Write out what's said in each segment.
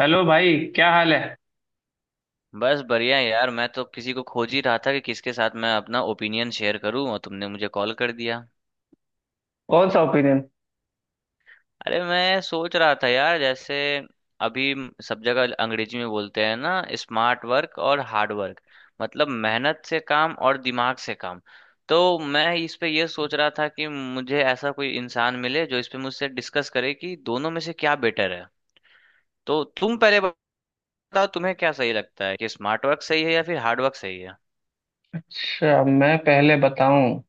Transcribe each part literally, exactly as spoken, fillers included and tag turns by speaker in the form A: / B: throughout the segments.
A: Hello भाई, क्या हाल है।
B: बस बढ़िया है यार। मैं तो किसी को खोज ही रहा था कि किसके साथ मैं अपना ओपिनियन शेयर करूं, और तुमने मुझे कॉल कर दिया।
A: कौन सा ओपिनियन।
B: अरे, मैं सोच रहा था यार, जैसे अभी सब जगह अंग्रेजी में बोलते हैं ना, स्मार्ट वर्क और हार्ड वर्क। मतलब मेहनत से काम और दिमाग से काम। तो मैं इस पे ये सोच रहा था कि मुझे ऐसा कोई इंसान मिले जो इस पे मुझसे डिस्कस करे कि दोनों में से क्या बेटर है। तो तुम पहले बताओ, तुम्हें क्या सही लगता है, कि स्मार्ट वर्क सही है या फिर हार्ड वर्क सही है।
A: अच्छा, मैं पहले बताऊं।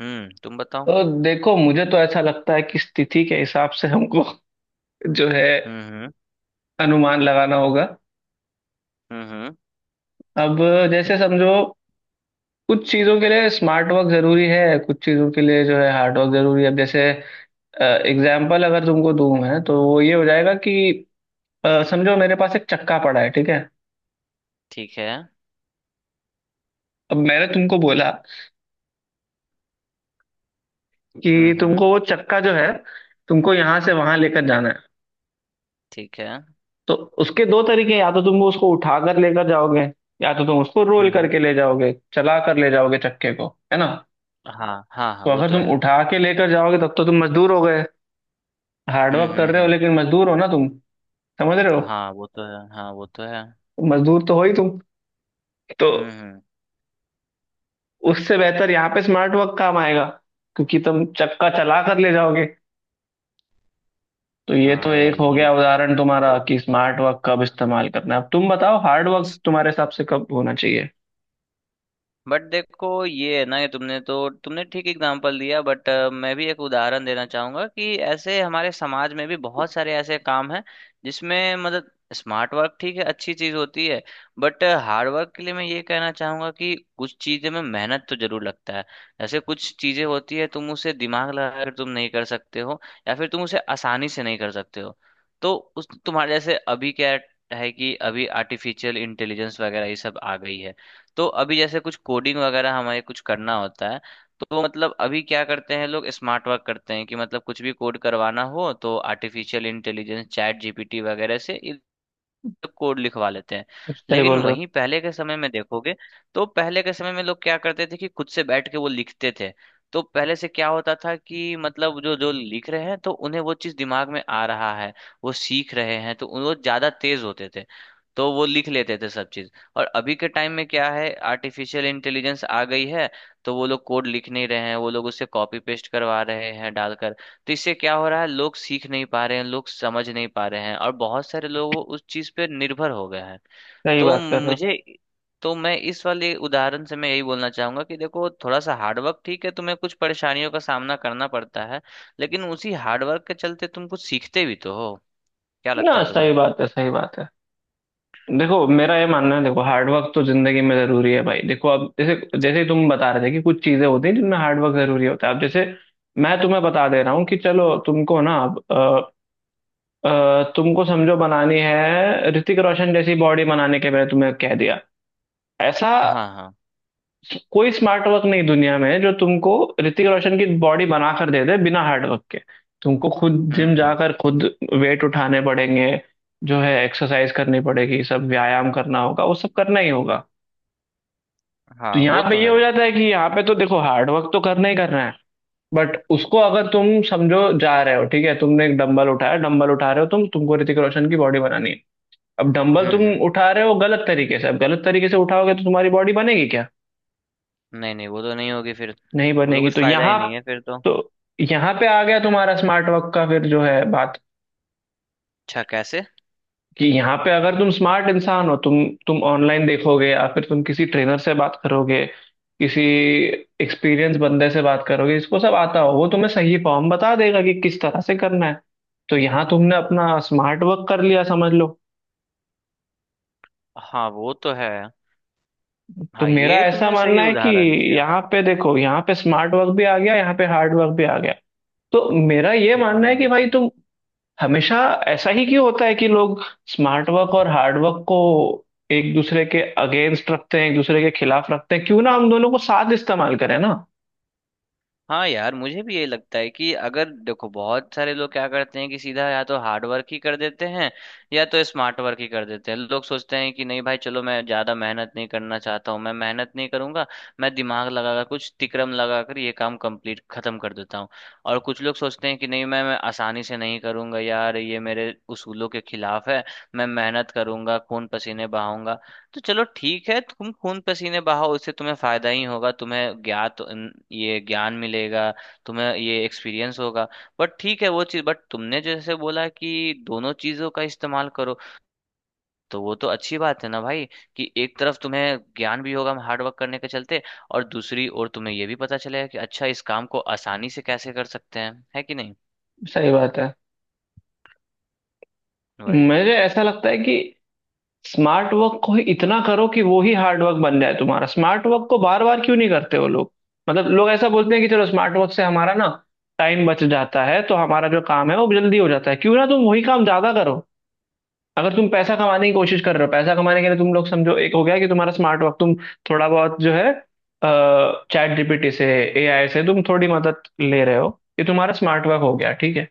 B: हम्म, तुम बताओ।
A: तो देखो, मुझे तो ऐसा लगता है कि स्थिति के हिसाब से हमको जो है,
B: हम्म हम्म।
A: अनुमान लगाना होगा।
B: हम्म हम्म।
A: अब जैसे समझो, कुछ चीजों के लिए स्मार्ट वर्क जरूरी है, कुछ चीजों के लिए जो है हार्ड वर्क जरूरी है। अब जैसे एग्जाम्पल अगर तुमको दूं मैं, तो वो ये हो जाएगा कि अ, समझो मेरे पास एक चक्का पड़ा है, ठीक है।
B: ठीक है।
A: अब मैंने तुमको बोला
B: हम्म
A: कि
B: हम्म।
A: तुमको वो चक्का जो है, तुमको यहाँ से वहां लेकर जाना है।
B: ठीक है। हम्म
A: तो उसके दो तरीके हैं, या तो तुम उसको उठा कर लेकर जाओगे, या तो तुम उसको रोल
B: हम्म।
A: करके ले जाओगे, चला कर ले जाओगे चक्के को, है ना।
B: हाँ हाँ हाँ,
A: तो
B: वो
A: अगर
B: तो
A: तुम
B: है।
A: उठा के लेकर जाओगे तब तो तुम मजदूर हो गए,
B: हम्म
A: हार्डवर्क कर
B: हम्म
A: रहे हो
B: हम्म।
A: लेकिन मजदूर हो ना तुम, समझ रहे हो।
B: हाँ वो तो है, हाँ वो तो है।
A: मजदूर तो हो ही तुम। तो
B: हम्म हम्म।
A: उससे बेहतर यहाँ पे स्मार्ट वर्क काम आएगा, क्योंकि तुम चक्का चला कर ले जाओगे। तो ये तो
B: हाँ
A: एक
B: यार
A: हो
B: ये।
A: गया उदाहरण तुम्हारा
B: तो
A: कि स्मार्ट वर्क कब इस्तेमाल करना है। अब तुम बताओ हार्ड वर्क तुम्हारे हिसाब से कब होना चाहिए।
B: बट देखो ये है ना कि तुमने तो तुमने ठीक एग्जांपल दिया, बट मैं भी एक उदाहरण देना चाहूंगा कि ऐसे हमारे समाज में भी बहुत सारे ऐसे काम हैं जिसमें मतलब स्मार्ट वर्क ठीक है, अच्छी चीज होती है। बट हार्ड वर्क के लिए मैं ये कहना चाहूंगा कि कुछ चीजें में मेहनत तो जरूर लगता है। जैसे कुछ चीजें होती है तुम उसे दिमाग लगा कर तुम नहीं कर सकते हो, या फिर तुम उसे आसानी से नहीं कर सकते हो। तो उस तुम्हारे जैसे अभी क्या है कि अभी आर्टिफिशियल इंटेलिजेंस वगैरह ये सब आ गई है। तो अभी जैसे कुछ कोडिंग वगैरह हमें कुछ करना होता है, तो मतलब अभी क्या करते हैं लोग, स्मार्ट वर्क करते हैं कि मतलब कुछ भी कोड करवाना हो तो आर्टिफिशियल इंटेलिजेंस चैट जीपीटी वगैरह से तो कोड लिखवा लेते हैं।
A: सही
B: लेकिन
A: बोल रहे हो।
B: वहीं पहले के समय में देखोगे, तो पहले के समय में लोग क्या करते थे कि खुद से बैठ के वो लिखते थे। तो पहले से क्या होता था कि मतलब जो जो लिख रहे हैं तो उन्हें वो चीज दिमाग में आ रहा है, वो सीख रहे हैं, तो वो ज्यादा तेज होते थे, तो वो लिख लेते थे सब चीज। और अभी के टाइम में क्या है, आर्टिफिशियल इंटेलिजेंस आ गई है, तो वो लोग कोड लिख नहीं रहे हैं, वो लोग उससे कॉपी पेस्ट करवा रहे हैं डालकर। तो इससे क्या हो रहा है, लोग सीख नहीं पा रहे हैं, लोग समझ नहीं पा रहे हैं, और बहुत सारे लोग उस चीज पे निर्भर हो गए हैं।
A: सही
B: तो
A: बात कर रहे हो
B: मुझे तो मैं इस वाले उदाहरण से मैं यही बोलना चाहूंगा कि देखो थोड़ा सा हार्डवर्क ठीक है, तुम्हें कुछ परेशानियों का सामना करना पड़ता है, लेकिन उसी हार्डवर्क के चलते तुम कुछ सीखते भी तो हो। क्या लगता
A: ना।
B: है तुम्हें।
A: सही बात है, सही बात है। देखो, मेरा ये मानना है। देखो, हार्डवर्क तो जिंदगी में जरूरी है भाई। देखो, अब जैसे जैसे तुम बता रहे थे कि कुछ चीजें होती हैं जिनमें हार्डवर्क जरूरी होता है। अब जैसे मैं तुम्हें बता दे रहा हूँ कि चलो तुमको ना अब अ, अ, तुमको समझो बनानी है ऋतिक रोशन जैसी बॉडी, बनाने के मैंने तुम्हें कह दिया। ऐसा
B: हाँ हाँ।
A: कोई स्मार्ट वर्क नहीं दुनिया में जो तुमको ऋतिक रोशन की बॉडी बना कर दे दे बिना हार्ड वर्क के। तुमको खुद
B: हम्म
A: जिम
B: हम्म।
A: जाकर खुद वेट उठाने पड़ेंगे, जो है एक्सरसाइज करनी पड़ेगी, सब व्यायाम करना होगा, वो सब करना ही होगा। तो
B: हाँ
A: यहाँ
B: वो
A: पे
B: तो
A: ये
B: है।
A: हो जाता है कि यहाँ पे तो देखो, हार्ड वर्क तो करना ही करना है। बट उसको अगर तुम समझो जा रहे हो, ठीक है, तुमने एक डंबल उठाया, डंबल उठा रहे हो तुम, तुमको ऋतिक रोशन की बॉडी बनानी है। अब डंबल
B: हम्म
A: तुम
B: हम्म।
A: उठा रहे हो गलत तरीके से, अब गलत तरीके से उठाओगे तो तुम्हारी बॉडी बनेगी क्या?
B: नहीं नहीं, वो तो नहीं होगी फिर।
A: नहीं
B: वो तो
A: बनेगी।
B: कुछ
A: तो
B: फायदा ही
A: यहाँ,
B: नहीं है फिर तो।
A: तो यहाँ पे आ गया तुम्हारा स्मार्ट वर्क का फिर जो है बात,
B: अच्छा कैसे।
A: कि यहाँ पे अगर तुम स्मार्ट इंसान हो, तुम तुम ऑनलाइन देखोगे या फिर तुम किसी ट्रेनर से बात करोगे, किसी एक्सपीरियंस बंदे से बात करोगे, इसको सब आता हो, वो तुम्हें सही फॉर्म बता देगा कि किस तरह से करना है। तो यहाँ तुमने अपना स्मार्ट वर्क कर लिया, समझ लो।
B: हाँ वो तो है।
A: तो
B: हाँ,
A: मेरा
B: ये
A: ऐसा
B: तुमने सही
A: मानना है कि
B: उदाहरण दिया।
A: यहाँ पे देखो, यहाँ पे स्मार्ट वर्क भी आ गया, यहाँ पे हार्ड वर्क भी आ गया। तो मेरा ये
B: हाँ।
A: मानना है कि भाई
B: हाँ।
A: तुम हमेशा, ऐसा ही क्यों होता है कि लोग स्मार्ट वर्क और हार्ड वर्क को एक दूसरे के अगेंस्ट रखते हैं, एक दूसरे के खिलाफ रखते हैं। क्यों ना हम दोनों को साथ इस्तेमाल करें ना।
B: हाँ यार मुझे भी ये लगता है कि अगर देखो बहुत सारे लोग क्या करते हैं कि सीधा या तो हार्ड वर्क ही कर देते हैं या तो स्मार्ट वर्क ही कर देते हैं। लोग सोचते हैं कि नहीं भाई चलो मैं ज्यादा मेहनत नहीं करना चाहता हूँ, मैं मेहनत नहीं करूंगा, मैं दिमाग लगाकर कुछ तिकड़म लगाकर ये काम कंप्लीट खत्म कर देता हूँ। और कुछ लोग सोचते हैं कि नहीं, मैं मैं आसानी से नहीं करूंगा यार, ये मेरे उसूलों के खिलाफ है, मैं मेहनत करूंगा, खून पसीने बहाऊंगा। तो चलो ठीक है तुम खून पसीने बहाओ, उससे तुम्हें फायदा ही होगा, तुम्हें ज्ञात अन- ये ज्ञान मिलेगा, तुम्हें ये एक्सपीरियंस होगा। बट ठीक है वो चीज़, बट तुमने जैसे बोला कि दोनों चीज़ों का इस्तेमाल करो, तो वो तो अच्छी बात है ना भाई, कि एक तरफ तुम्हें ज्ञान भी होगा हार्ड वर्क करने के चलते, और दूसरी ओर तुम्हें ये भी पता चलेगा कि अच्छा इस काम को आसानी से कैसे कर सकते हैं, है कि नहीं।
A: सही बात है।
B: वही है।
A: मुझे ऐसा लगता है कि स्मार्ट वर्क को ही इतना करो कि वो ही हार्ड वर्क बन जाए तुम्हारा। स्मार्ट वर्क को बार बार क्यों नहीं करते वो लोग। मतलब लोग ऐसा बोलते हैं कि चलो, स्मार्ट वर्क से हमारा ना टाइम बच जाता है, तो हमारा जो काम है वो जल्दी हो जाता है। क्यों ना तुम वही काम ज्यादा करो। अगर तुम पैसा कमाने की कोशिश कर रहे हो, पैसा कमाने के लिए तुम लोग समझो, एक हो गया कि तुम्हारा स्मार्ट वर्क, तुम थोड़ा बहुत जो है चैट जी पी टी से, ए आई से तुम थोड़ी मदद ले रहे हो। ये तुम्हारा स्मार्ट वर्क हो गया, ठीक है।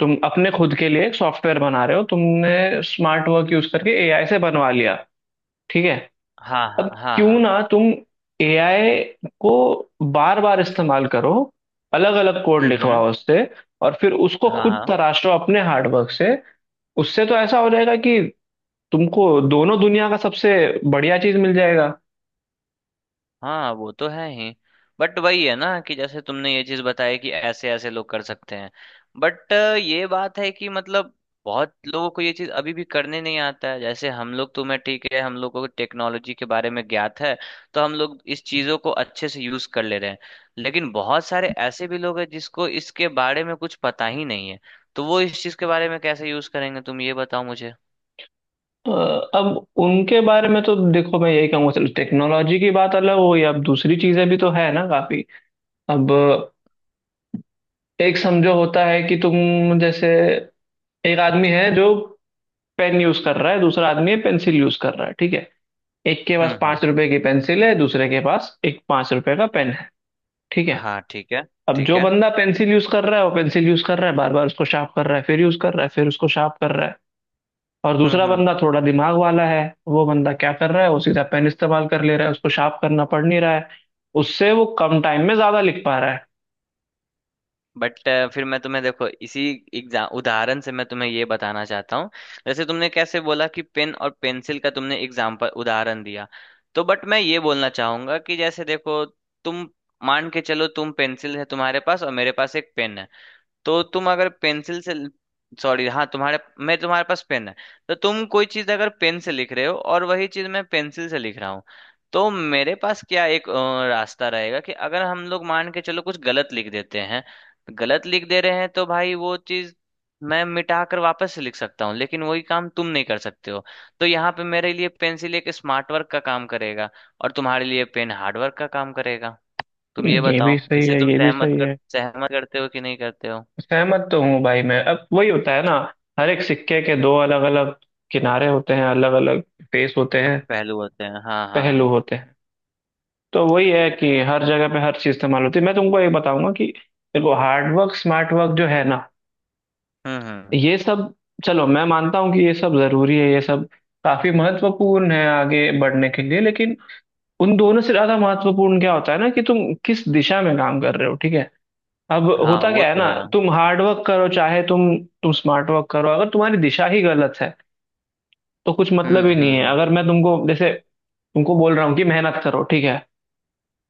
A: तुम अपने खुद के लिए एक सॉफ्टवेयर बना रहे हो, तुमने स्मार्ट वर्क यूज करके ए आई से बनवा लिया, ठीक है।
B: हाँ हाँ
A: अब
B: हाँ
A: क्यों
B: हाँ।
A: ना तुम ए आई को बार बार इस्तेमाल करो, अलग अलग कोड
B: हम्म हम्म।
A: लिखवाओ उससे, और फिर उसको
B: हाँ
A: खुद
B: हाँ।
A: तराशो अपने हार्डवर्क से। उससे तो ऐसा हो जाएगा कि तुमको दोनों दुनिया का सबसे बढ़िया चीज मिल जाएगा।
B: हाँ वो तो है ही। बट वही है ना कि जैसे तुमने ये चीज बताई कि ऐसे ऐसे लोग कर सकते हैं, बट ये बात है कि मतलब बहुत लोगों को ये चीज अभी भी करने नहीं आता है। जैसे हम लोग तो, मैं ठीक है, हम लोग को टेक्नोलॉजी के बारे में ज्ञात है, तो हम लोग इस चीजों को अच्छे से यूज कर ले रहे हैं। लेकिन बहुत सारे ऐसे भी लोग हैं जिसको इसके बारे में कुछ पता ही नहीं है, तो वो इस चीज के बारे में कैसे यूज करेंगे, तुम ये बताओ मुझे।
A: अ, अब उनके बारे में तो देखो, मैं यही कहूंगा, चलो टेक्नोलॉजी की बात अलग हो गई, अब दूसरी चीजें भी तो है ना काफी। अब एक समझो होता है कि तुम जैसे, एक आदमी है जो पेन यूज कर रहा है, दूसरा आदमी है पेंसिल यूज कर रहा है, ठीक है। एक के पास
B: हम्म हम्म।
A: पांच रुपए की पेंसिल है, दूसरे के पास एक पांच रुपए का पेन है, ठीक है।
B: हाँ ठीक है।
A: अब
B: ठीक
A: जो
B: है।
A: बंदा पेंसिल यूज कर रहा है, वो पेंसिल यूज कर रहा है, बार बार उसको शार्प कर रहा है, फिर यूज कर रहा है, फिर उसको शार्प कर रहा है। और दूसरा
B: हम्म हम्म।
A: बंदा थोड़ा दिमाग वाला है। वो बंदा क्या कर रहा है? वो सीधा पेन इस्तेमाल कर ले रहा है, उसको शार्प करना पड़ नहीं रहा है। उससे वो कम टाइम में ज्यादा लिख पा रहा
B: बट अ, फिर मैं तुम्हें देखो इसी एग्जाम उदाहरण से मैं तुम्हें ये बताना चाहता हूँ, जैसे तुमने कैसे बोला कि पेन और पेंसिल का तुमने एग्जाम्पल उदाहरण दिया, तो बट मैं ये बोलना चाहूंगा कि जैसे देखो, तुम मान के चलो तुम पेंसिल है तुम्हारे पास और मेरे पास एक पेन है। तो तुम अगर पेंसिल से सॉरी हाँ तुम्हारे मैं तुम्हारे पास पेन है, तो तुम कोई चीज अगर पेन से लिख रहे हो और वही चीज मैं पेंसिल से लिख रहा हूँ, तो मेरे पास क्या, एक अ, रास्ता रहेगा कि अगर हम लोग मान के चलो कुछ गलत लिख देते हैं, गलत लिख दे रहे हैं, तो भाई वो चीज मैं मिटा कर वापस से लिख सकता हूँ, लेकिन वही काम तुम नहीं कर सकते हो। तो यहाँ पे मेरे लिए पेंसिल एक स्मार्ट वर्क का काम करेगा और तुम्हारे लिए पेन हार्ड वर्क का काम करेगा। तुम
A: है।
B: ये
A: ये भी
B: बताओ,
A: सही
B: इसे
A: है,
B: तुम
A: ये भी
B: सहमत
A: सही
B: कर,
A: है।
B: सहमत करते हो कि नहीं करते हो।
A: सहमत तो हूँ भाई मैं, अब वही होता है ना, हर एक सिक्के के दो अलग अलग किनारे होते हैं, अलग अलग फेस होते हैं,
B: पहलू होते हैं। हाँ
A: पहलू
B: हाँ।
A: होते हैं। तो वही है कि हर जगह पे हर चीज इस्तेमाल होती है। मैं तुमको ये बताऊंगा कि देखो, हार्ड वर्क स्मार्ट वर्क जो है ना,
B: हम्म हम्म।
A: ये सब, चलो मैं मानता हूँ कि ये सब जरूरी है, ये सब काफी महत्वपूर्ण है आगे बढ़ने के लिए, लेकिन उन दोनों से ज्यादा महत्वपूर्ण क्या होता है ना, कि तुम किस दिशा में काम कर रहे हो, ठीक है। अब
B: हाँ
A: होता
B: वो
A: क्या है
B: तो
A: ना,
B: है।
A: तुम हार्ड वर्क करो चाहे तुम तुम स्मार्ट वर्क करो, अगर तुम्हारी दिशा ही गलत है तो कुछ मतलब
B: हम्म
A: ही नहीं
B: हम्म
A: है।
B: हम्म।
A: अगर मैं तुमको जैसे तुमको बोल रहा हूँ कि मेहनत करो, ठीक है।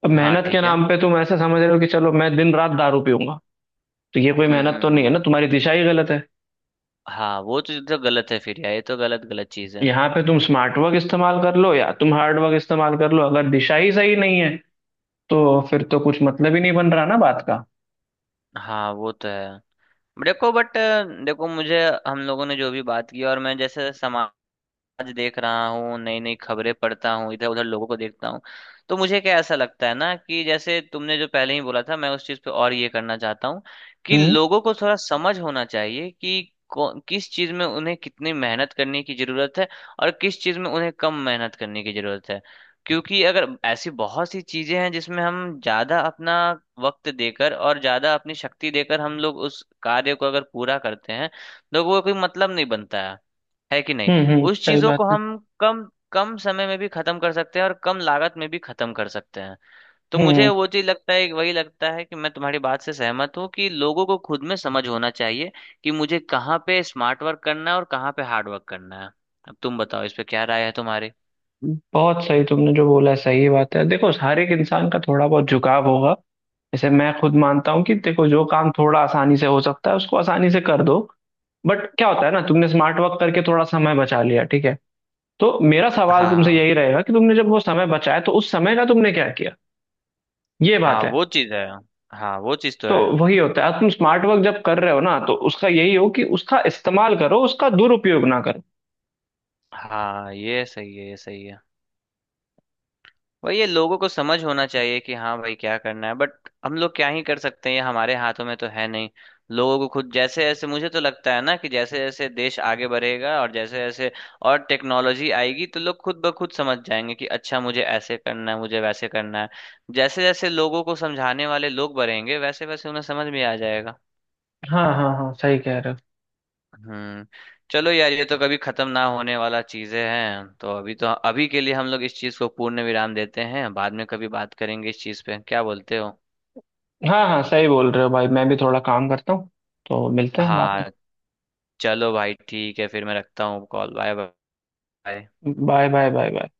A: अब
B: हाँ
A: मेहनत के
B: ठीक है।
A: नाम पे तुम ऐसा समझ रहे हो कि चलो मैं दिन रात दारू पीऊंगा, तो ये कोई
B: हम्म
A: मेहनत तो
B: हम्म
A: नहीं है
B: हम्म।
A: ना, तुम्हारी दिशा ही गलत है।
B: हाँ वो तो तो गलत है फिर यार, ये तो गलत गलत चीज़ है।
A: यहाँ पे तुम स्मार्ट वर्क इस्तेमाल कर लो या तुम हार्ड वर्क इस्तेमाल कर लो, अगर दिशा ही सही नहीं है तो फिर तो कुछ मतलब ही नहीं बन रहा ना बात का।
B: हाँ वो तो है। देखो बट देखो मुझे हम लोगों ने जो भी बात की, और मैं जैसे समाज आज देख रहा हूँ, नई नई खबरें पढ़ता हूँ, इधर उधर लोगों को देखता हूँ, तो मुझे क्या ऐसा लगता है ना कि जैसे तुमने जो पहले ही बोला था, मैं उस चीज़ पे और ये करना चाहता हूँ कि
A: हम्म,
B: लोगों को थोड़ा समझ होना चाहिए कि कौ- किस चीज़ में उन्हें कितनी मेहनत करने की ज़रूरत है और किस चीज़ में उन्हें कम मेहनत करने की ज़रूरत है। क्योंकि अगर ऐसी बहुत सी चीज़ें हैं जिसमें हम ज़्यादा अपना वक्त देकर और ज़्यादा अपनी शक्ति देकर हम लोग उस कार्य को अगर पूरा करते हैं, तो वो कोई मतलब नहीं बनता है है कि नहीं।
A: हम्म, हम्म,
B: उस
A: सही
B: चीजों को
A: बात है।
B: हम कम कम समय में भी खत्म कर सकते हैं और कम लागत में भी खत्म कर सकते हैं। तो मुझे
A: हम्म।
B: वो चीज लगता है, वही लगता है कि मैं तुम्हारी बात से सहमत हूँ कि लोगों को खुद में समझ होना चाहिए कि मुझे कहाँ पे स्मार्ट वर्क करना है और कहाँ पे हार्ड वर्क करना है। अब तुम बताओ इस पे क्या राय है तुम्हारी।
A: हम्म, बहुत सही तुमने जो बोला है, सही बात है। देखो, हर एक इंसान का थोड़ा बहुत झुकाव होगा। जैसे मैं खुद मानता हूँ कि देखो, जो काम थोड़ा आसानी से हो सकता है उसको आसानी से कर दो। बट क्या होता है ना, तुमने स्मार्ट वर्क करके थोड़ा समय बचा लिया, ठीक है। तो मेरा सवाल तुमसे
B: हाँ।
A: यही रहेगा कि तुमने जब वो समय बचाया तो उस समय का तुमने क्या किया। ये
B: हाँ
A: बात है।
B: वो चीज है, हाँ वो चीज तो
A: तो
B: है।
A: वही होता है, तुम स्मार्ट वर्क जब कर रहे हो ना, तो उसका यही हो कि उसका इस्तेमाल करो, उसका दुरुपयोग ना करो।
B: हाँ ये सही है, ये सही है। वही, ये लोगों को समझ होना चाहिए कि हाँ भाई क्या करना है, बट हम लोग क्या ही कर सकते हैं, ये हमारे हाथों में तो है नहीं। लोगों को खुद, जैसे जैसे मुझे तो लगता है ना कि जैसे जैसे देश आगे बढ़ेगा और जैसे जैसे और टेक्नोलॉजी आएगी, तो लोग खुद ब खुद समझ जाएंगे कि अच्छा मुझे ऐसे करना है, मुझे वैसे करना है। जैसे जैसे लोगों को समझाने वाले लोग बढ़ेंगे, वैसे वैसे उन्हें समझ में आ जाएगा।
A: हाँ हाँ हाँ, सही कह रहे हो।
B: हम्म। चलो यार ये तो कभी खत्म ना होने वाला चीजें हैं, तो अभी तो, अभी के लिए हम लोग इस चीज को पूर्ण विराम देते हैं, बाद में कभी बात करेंगे इस चीज पे, क्या बोलते हो।
A: हाँ हाँ, सही बोल रहे हो भाई, मैं भी थोड़ा काम करता हूँ, तो मिलते हैं बाद में।
B: हाँ। चलो भाई ठीक है, फिर मैं रखता हूँ कॉल, बाय। बाय।
A: हो, बाय बाय बाय बाय।